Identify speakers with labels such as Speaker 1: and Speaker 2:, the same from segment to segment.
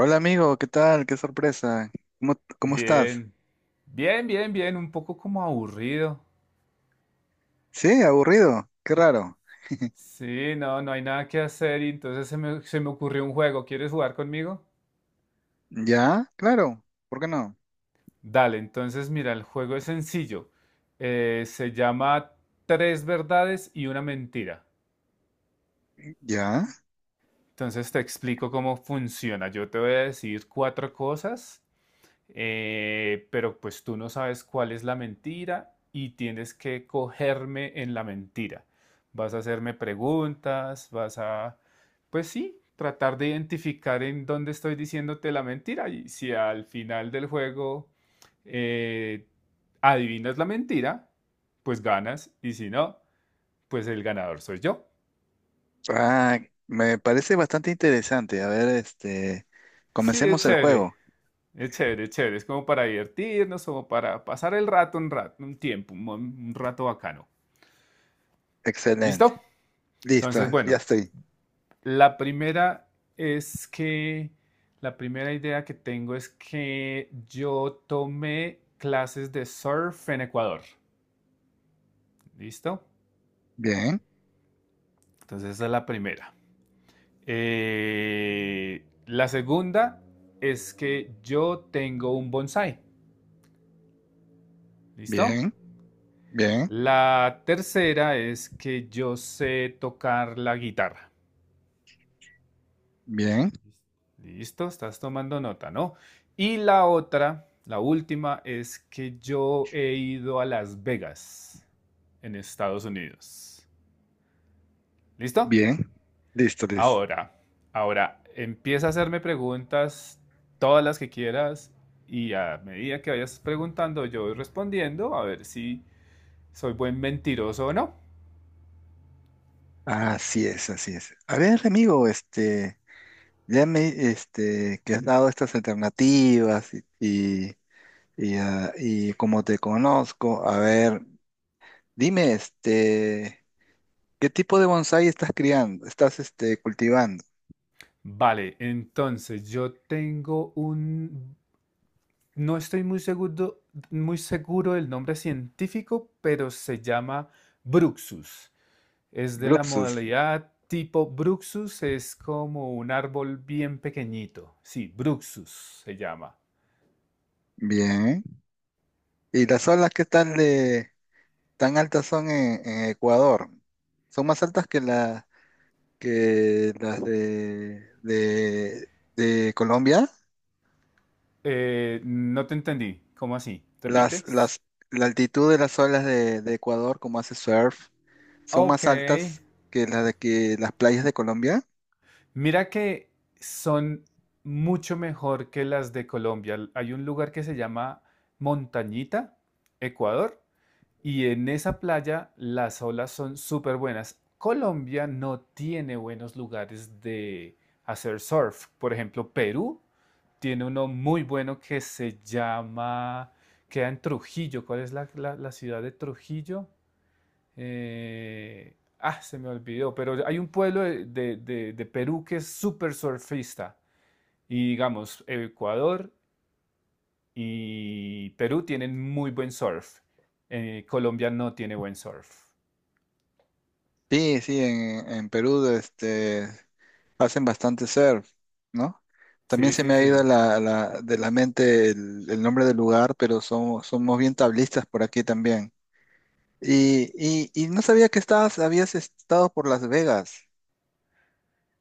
Speaker 1: Hola amigo, ¿qué tal? Qué sorpresa. ¿Cómo estás?
Speaker 2: Bien, bien, bien, bien, un poco como aburrido.
Speaker 1: Sí, aburrido. Qué raro.
Speaker 2: Sí, no, no hay nada que hacer y entonces se me ocurrió un juego. ¿Quieres jugar conmigo?
Speaker 1: ¿Ya? Claro. ¿Por qué no?
Speaker 2: Dale, entonces mira, el juego es sencillo. Se llama Tres verdades y una mentira.
Speaker 1: ¿Ya?
Speaker 2: Entonces te explico cómo funciona. Yo te voy a decir cuatro cosas, pero pues tú no sabes cuál es la mentira y tienes que cogerme en la mentira. Vas a hacerme preguntas, vas a, pues sí, tratar de identificar en dónde estoy diciéndote la mentira, y si al final del juego, eh, adivinas la mentira, pues ganas, y si no, pues el ganador soy yo.
Speaker 1: Ah, Me parece bastante interesante. A ver,
Speaker 2: Sí, es
Speaker 1: comencemos el
Speaker 2: chévere,
Speaker 1: juego.
Speaker 2: es chévere, es chévere, es como para divertirnos, como para pasar el rato, un rato, un tiempo, un rato bacano.
Speaker 1: Excelente.
Speaker 2: ¿Listo?
Speaker 1: Listo,
Speaker 2: Entonces,
Speaker 1: ya
Speaker 2: bueno,
Speaker 1: estoy.
Speaker 2: la primera es que, la primera idea que tengo es que yo tomé clases de surf en Ecuador. ¿Listo?
Speaker 1: Bien,
Speaker 2: Entonces, esa es la primera. La segunda es que yo tengo un bonsai. ¿Listo?
Speaker 1: bien, bien,
Speaker 2: La tercera es que yo sé tocar la guitarra.
Speaker 1: bien,
Speaker 2: Listo, estás tomando nota, ¿no? Y la otra, la última, es que yo he ido a Las Vegas, en Estados Unidos. ¿Listo?
Speaker 1: bien. Listo, listo.
Speaker 2: Ahora, ahora, empieza a hacerme preguntas, todas las que quieras, y a medida que vayas preguntando, yo voy respondiendo, a ver si soy buen mentiroso o no.
Speaker 1: Así es, así es. A ver, amigo, que has dado estas alternativas y como te conozco, a ver, dime, ¿qué tipo de bonsái estás criando? ¿Estás, este, cultivando?
Speaker 2: Vale, entonces yo tengo un. No estoy muy seguro del nombre científico, pero se llama Bruxus. Es de la
Speaker 1: Bruxus.
Speaker 2: modalidad tipo Bruxus, es como un árbol bien pequeñito. Sí, Bruxus se llama.
Speaker 1: Bien. ¿Y las olas qué tal de tan altas son en Ecuador? Son más altas que la que las de, de Colombia.
Speaker 2: No te entendí. ¿Cómo así?
Speaker 1: Las,
Speaker 2: ¿Repites?
Speaker 1: las, la altitud de las olas de Ecuador, como hace surf, son
Speaker 2: Ok.
Speaker 1: más altas que las playas de Colombia.
Speaker 2: Mira que son mucho mejor que las de Colombia. Hay un lugar que se llama Montañita, Ecuador. Y en esa playa las olas son súper buenas. Colombia no tiene buenos lugares de hacer surf. Por ejemplo, Perú tiene uno muy bueno que se llama, queda en Trujillo. ¿Cuál es la ciudad de Trujillo? Se me olvidó, pero hay un pueblo de Perú que es súper surfista. Y digamos, Ecuador y Perú tienen muy buen surf. Colombia no tiene buen surf.
Speaker 1: Sí, sí, en Perú hacen bastante surf, ¿no? También
Speaker 2: Sí,
Speaker 1: se
Speaker 2: sí,
Speaker 1: me ha ido
Speaker 2: sí.
Speaker 1: de la mente el nombre del lugar, pero somos, somos bien tablistas por aquí también. Y no sabía que estabas, habías estado por Las Vegas.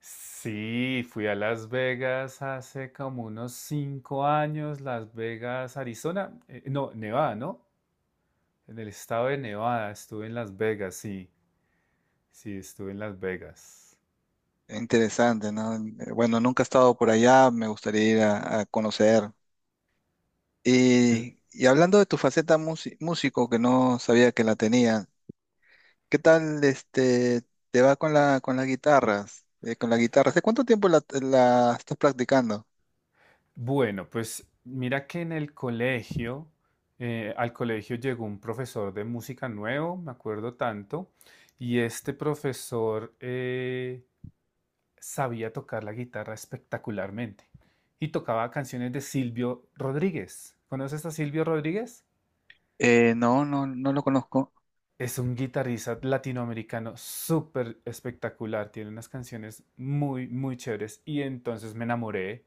Speaker 2: Sí, fui a Las Vegas hace como unos 5 años, Las Vegas, Arizona, no, Nevada, ¿no? En el estado de Nevada estuve en Las Vegas, sí, sí, estuve en Las Vegas.
Speaker 1: Interesante, ¿no? Bueno, nunca he estado por allá, me gustaría ir a conocer.
Speaker 2: Es-
Speaker 1: Y hablando de tu músico, que no sabía que la tenías. ¿Qué tal te va con la con las guitarras? Con la guitarra. ¿Hace cuánto tiempo la estás practicando?
Speaker 2: bueno, pues mira que en el colegio, al colegio llegó un profesor de música nuevo, me acuerdo tanto, y este profesor, sabía tocar la guitarra espectacularmente y tocaba canciones de Silvio Rodríguez. ¿Conoces a Silvio Rodríguez?
Speaker 1: No, no lo conozco.
Speaker 2: Es un guitarrista latinoamericano súper espectacular, tiene unas canciones muy, muy chéveres y entonces me enamoré.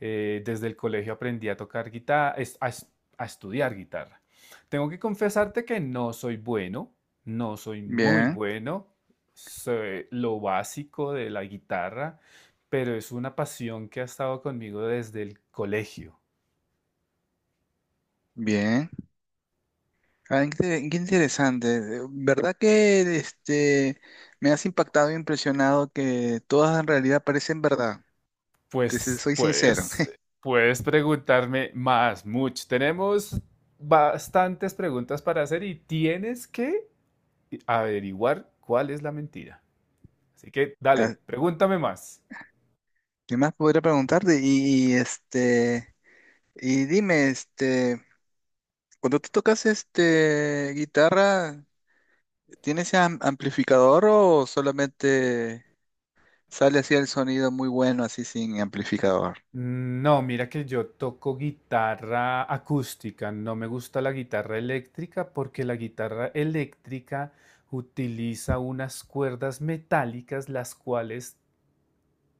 Speaker 2: Desde el colegio aprendí a tocar guitarra, a, a estudiar guitarra. Tengo que confesarte que no soy bueno, no soy muy
Speaker 1: Bien,
Speaker 2: bueno, sé lo básico de la guitarra, pero es una pasión que ha estado conmigo desde el colegio.
Speaker 1: bien. Qué, qué interesante. ¿Verdad que me has impactado e impresionado que todas en realidad parecen verdad?
Speaker 2: Pues
Speaker 1: Soy sincero.
Speaker 2: puedes, puedes preguntarme más, mucho. Tenemos bastantes preguntas para hacer y tienes que averiguar cuál es la mentira. Así que
Speaker 1: Ah,
Speaker 2: dale, pregúntame más.
Speaker 1: ¿Qué más podría preguntarte? Y dime, cuando tú tocas guitarra. ¿Tiene ese amplificador o solamente sale así el sonido muy bueno, así sin amplificador?
Speaker 2: No, mira que yo toco guitarra acústica, no me gusta la guitarra eléctrica porque la guitarra eléctrica utiliza unas cuerdas metálicas las cuales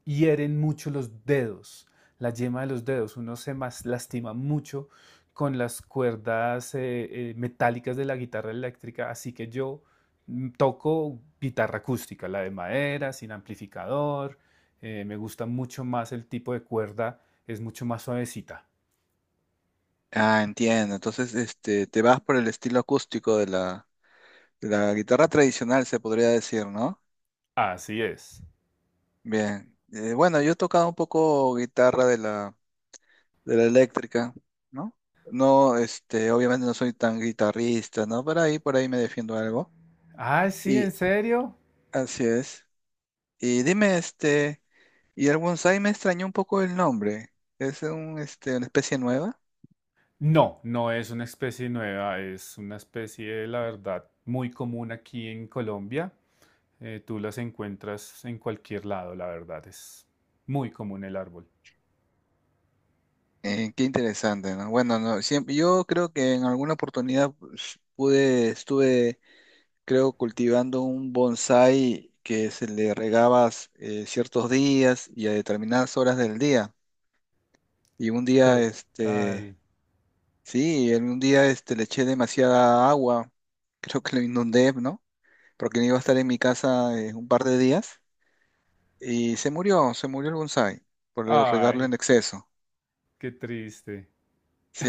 Speaker 2: hieren mucho los dedos, la yema de los dedos. Uno se lastima mucho con las cuerdas metálicas de la guitarra eléctrica, así que yo toco guitarra acústica, la de madera, sin amplificador. Me gusta mucho más el tipo de cuerda, es mucho más suavecita.
Speaker 1: Entiendo. Entonces, te vas por el estilo acústico de la guitarra tradicional, se podría decir, ¿no?
Speaker 2: Así es.
Speaker 1: Bien. Bueno, yo he tocado un poco guitarra de la eléctrica, ¿no? No, obviamente no soy tan guitarrista, ¿no? Pero ahí, por ahí me defiendo algo.
Speaker 2: Ah, sí, ¿en
Speaker 1: Y
Speaker 2: serio?
Speaker 1: así es. Y dime, este. Y el bonsái me extrañó un poco el nombre. Es un, una especie nueva.
Speaker 2: No, no es una especie nueva, es una especie, la verdad, muy común aquí en Colombia. Tú las encuentras en cualquier lado, la verdad. Es muy común el árbol.
Speaker 1: Qué interesante, ¿no? Bueno, no, siempre, yo creo que en alguna oportunidad pues, pude, estuve, creo, cultivando un bonsái que se le regabas ciertos días y a determinadas horas del día. Y un día,
Speaker 2: Total.
Speaker 1: sí, en un día le eché demasiada agua, creo que lo inundé, ¿no? Porque no iba a estar en mi casa un par de días. Y se murió el bonsái por regarlo
Speaker 2: Ay,
Speaker 1: en exceso.
Speaker 2: qué triste.
Speaker 1: Sí,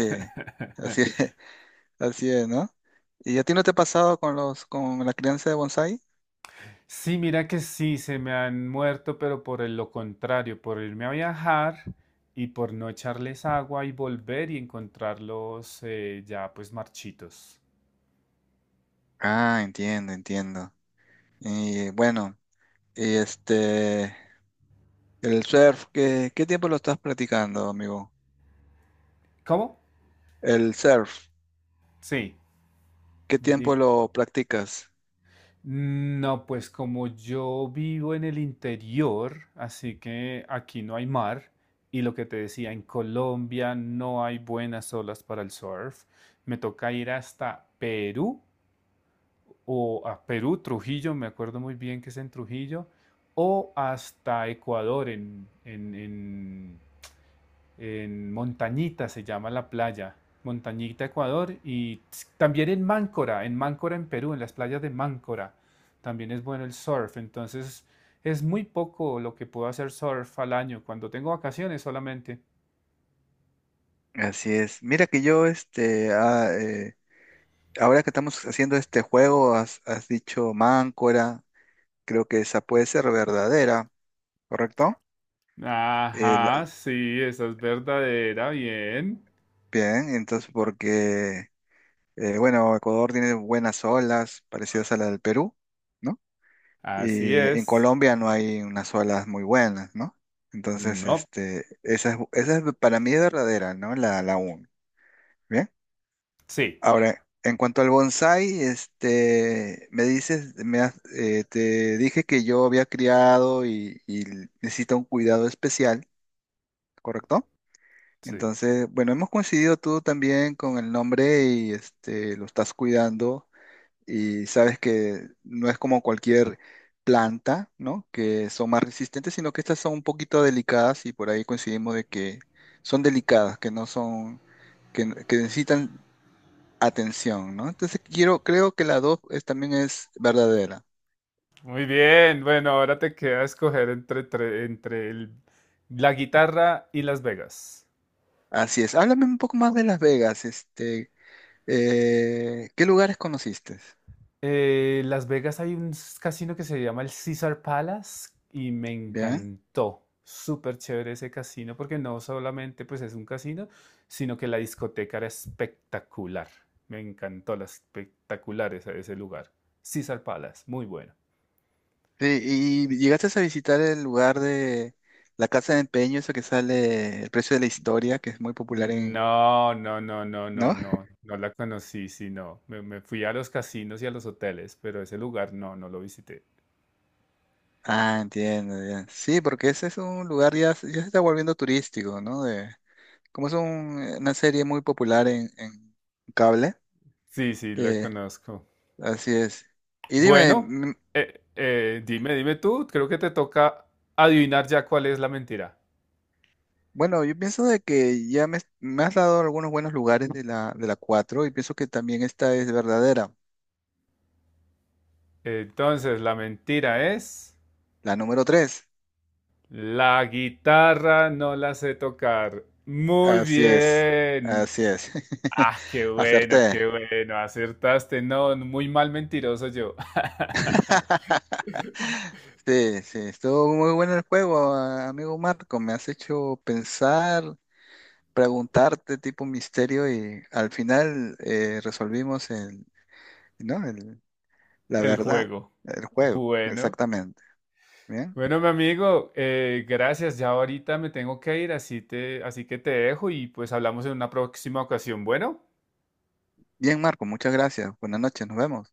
Speaker 1: así es, así es, ¿no? ¿Y a ti no te ha pasado con los, con la crianza de bonsái?
Speaker 2: Sí, mira que sí, se me han muerto, pero por lo contrario, por irme a viajar y por no echarles agua y volver y encontrarlos, ya pues marchitos.
Speaker 1: Ah, entiendo, entiendo. Y bueno, y el surf, ¿qué, qué tiempo lo estás practicando, amigo?
Speaker 2: ¿Cómo?
Speaker 1: El surf,
Speaker 2: Sí,
Speaker 1: ¿qué
Speaker 2: di-
Speaker 1: tiempo lo practicas?
Speaker 2: no, pues como yo vivo en el interior, así que aquí no hay mar y lo que te decía, en Colombia no hay buenas olas para el surf. Me toca ir hasta Perú o a Perú, Trujillo, me acuerdo muy bien que es en Trujillo, o hasta Ecuador en, en Montañita se llama la playa, Montañita, Ecuador, y también en Máncora, en Máncora, en Perú, en las playas de Máncora, también es bueno el surf, entonces es muy poco lo que puedo hacer surf al año, cuando tengo vacaciones solamente.
Speaker 1: Así es. Mira que yo, ahora que estamos haciendo este juego, has, has dicho máncora, creo que esa puede ser verdadera. ¿Correcto? El-
Speaker 2: Ajá, sí, esa es verdadera, bien.
Speaker 1: Bien, entonces porque, bueno, Ecuador tiene buenas olas parecidas a la del Perú, ¿no?
Speaker 2: Así
Speaker 1: Y en
Speaker 2: es.
Speaker 1: Colombia no hay unas olas muy buenas, ¿no? Entonces,
Speaker 2: No,
Speaker 1: esa es para mí es verdadera, ¿no? La, la UN, ¿bien?
Speaker 2: sí,
Speaker 1: Ahora, en cuanto al bonsai, me dices, te dije que yo había criado y necesita un cuidado especial, ¿correcto?
Speaker 2: sí.
Speaker 1: Entonces, bueno, hemos coincidido tú también con el nombre y lo estás cuidando y sabes que no es como cualquier planta, ¿no? Que son más resistentes, sino que estas son un poquito delicadas y por ahí coincidimos de que son delicadas, que no son, que necesitan atención, ¿no? Entonces, quiero, creo que la dos también es verdadera.
Speaker 2: Muy bien, bueno, ahora te queda escoger entre, entre la guitarra y Las Vegas.
Speaker 1: Así es. Háblame un poco más de Las Vegas, ¿qué lugares conociste?
Speaker 2: Las Vegas hay un casino que se llama el Caesar Palace y me encantó. Súper chévere ese casino porque no solamente pues es un casino, sino que la discoteca era espectacular. Me encantó la espectacular ese lugar. Caesar Palace, muy bueno.
Speaker 1: Sí, ¿y llegaste a visitar el lugar de la casa de empeño, eso que sale El precio de la historia, que es muy popular en...
Speaker 2: No, no, no, no, no,
Speaker 1: ¿No?
Speaker 2: no, no la conocí, sino me, me fui a los casinos y a los hoteles, pero ese lugar no, no lo visité.
Speaker 1: Ah, entiendo, ya. Sí, porque ese es un lugar ya, ya se está volviendo turístico, ¿no? De, como es una serie muy popular en cable,
Speaker 2: Sí, sí, la
Speaker 1: eh,
Speaker 2: conozco.
Speaker 1: así es. Y dime,
Speaker 2: Bueno, dime, tú, creo que te toca adivinar ya cuál es la mentira.
Speaker 1: bueno, yo pienso de que me has dado algunos buenos lugares de la 4 y pienso que también esta es verdadera,
Speaker 2: Entonces, la mentira es,
Speaker 1: la número 3.
Speaker 2: la guitarra no la sé tocar. Muy
Speaker 1: Así es,
Speaker 2: bien.
Speaker 1: así es.
Speaker 2: Ah,
Speaker 1: Acerté.
Speaker 2: qué bueno, acertaste. No, muy mal mentiroso yo.
Speaker 1: Sí, sí, estuvo muy bueno el juego, amigo Marco. Me has hecho pensar, preguntarte tipo misterio y al final resolvimos el, ¿no? El, la
Speaker 2: El
Speaker 1: verdad,
Speaker 2: juego.
Speaker 1: el juego,
Speaker 2: Bueno,
Speaker 1: exactamente. Bien,
Speaker 2: bueno, mi amigo, gracias. Ya ahorita me tengo que ir, así que te dejo y pues hablamos en una próxima ocasión. Bueno.
Speaker 1: Marco, muchas gracias. Buenas noches, nos vemos.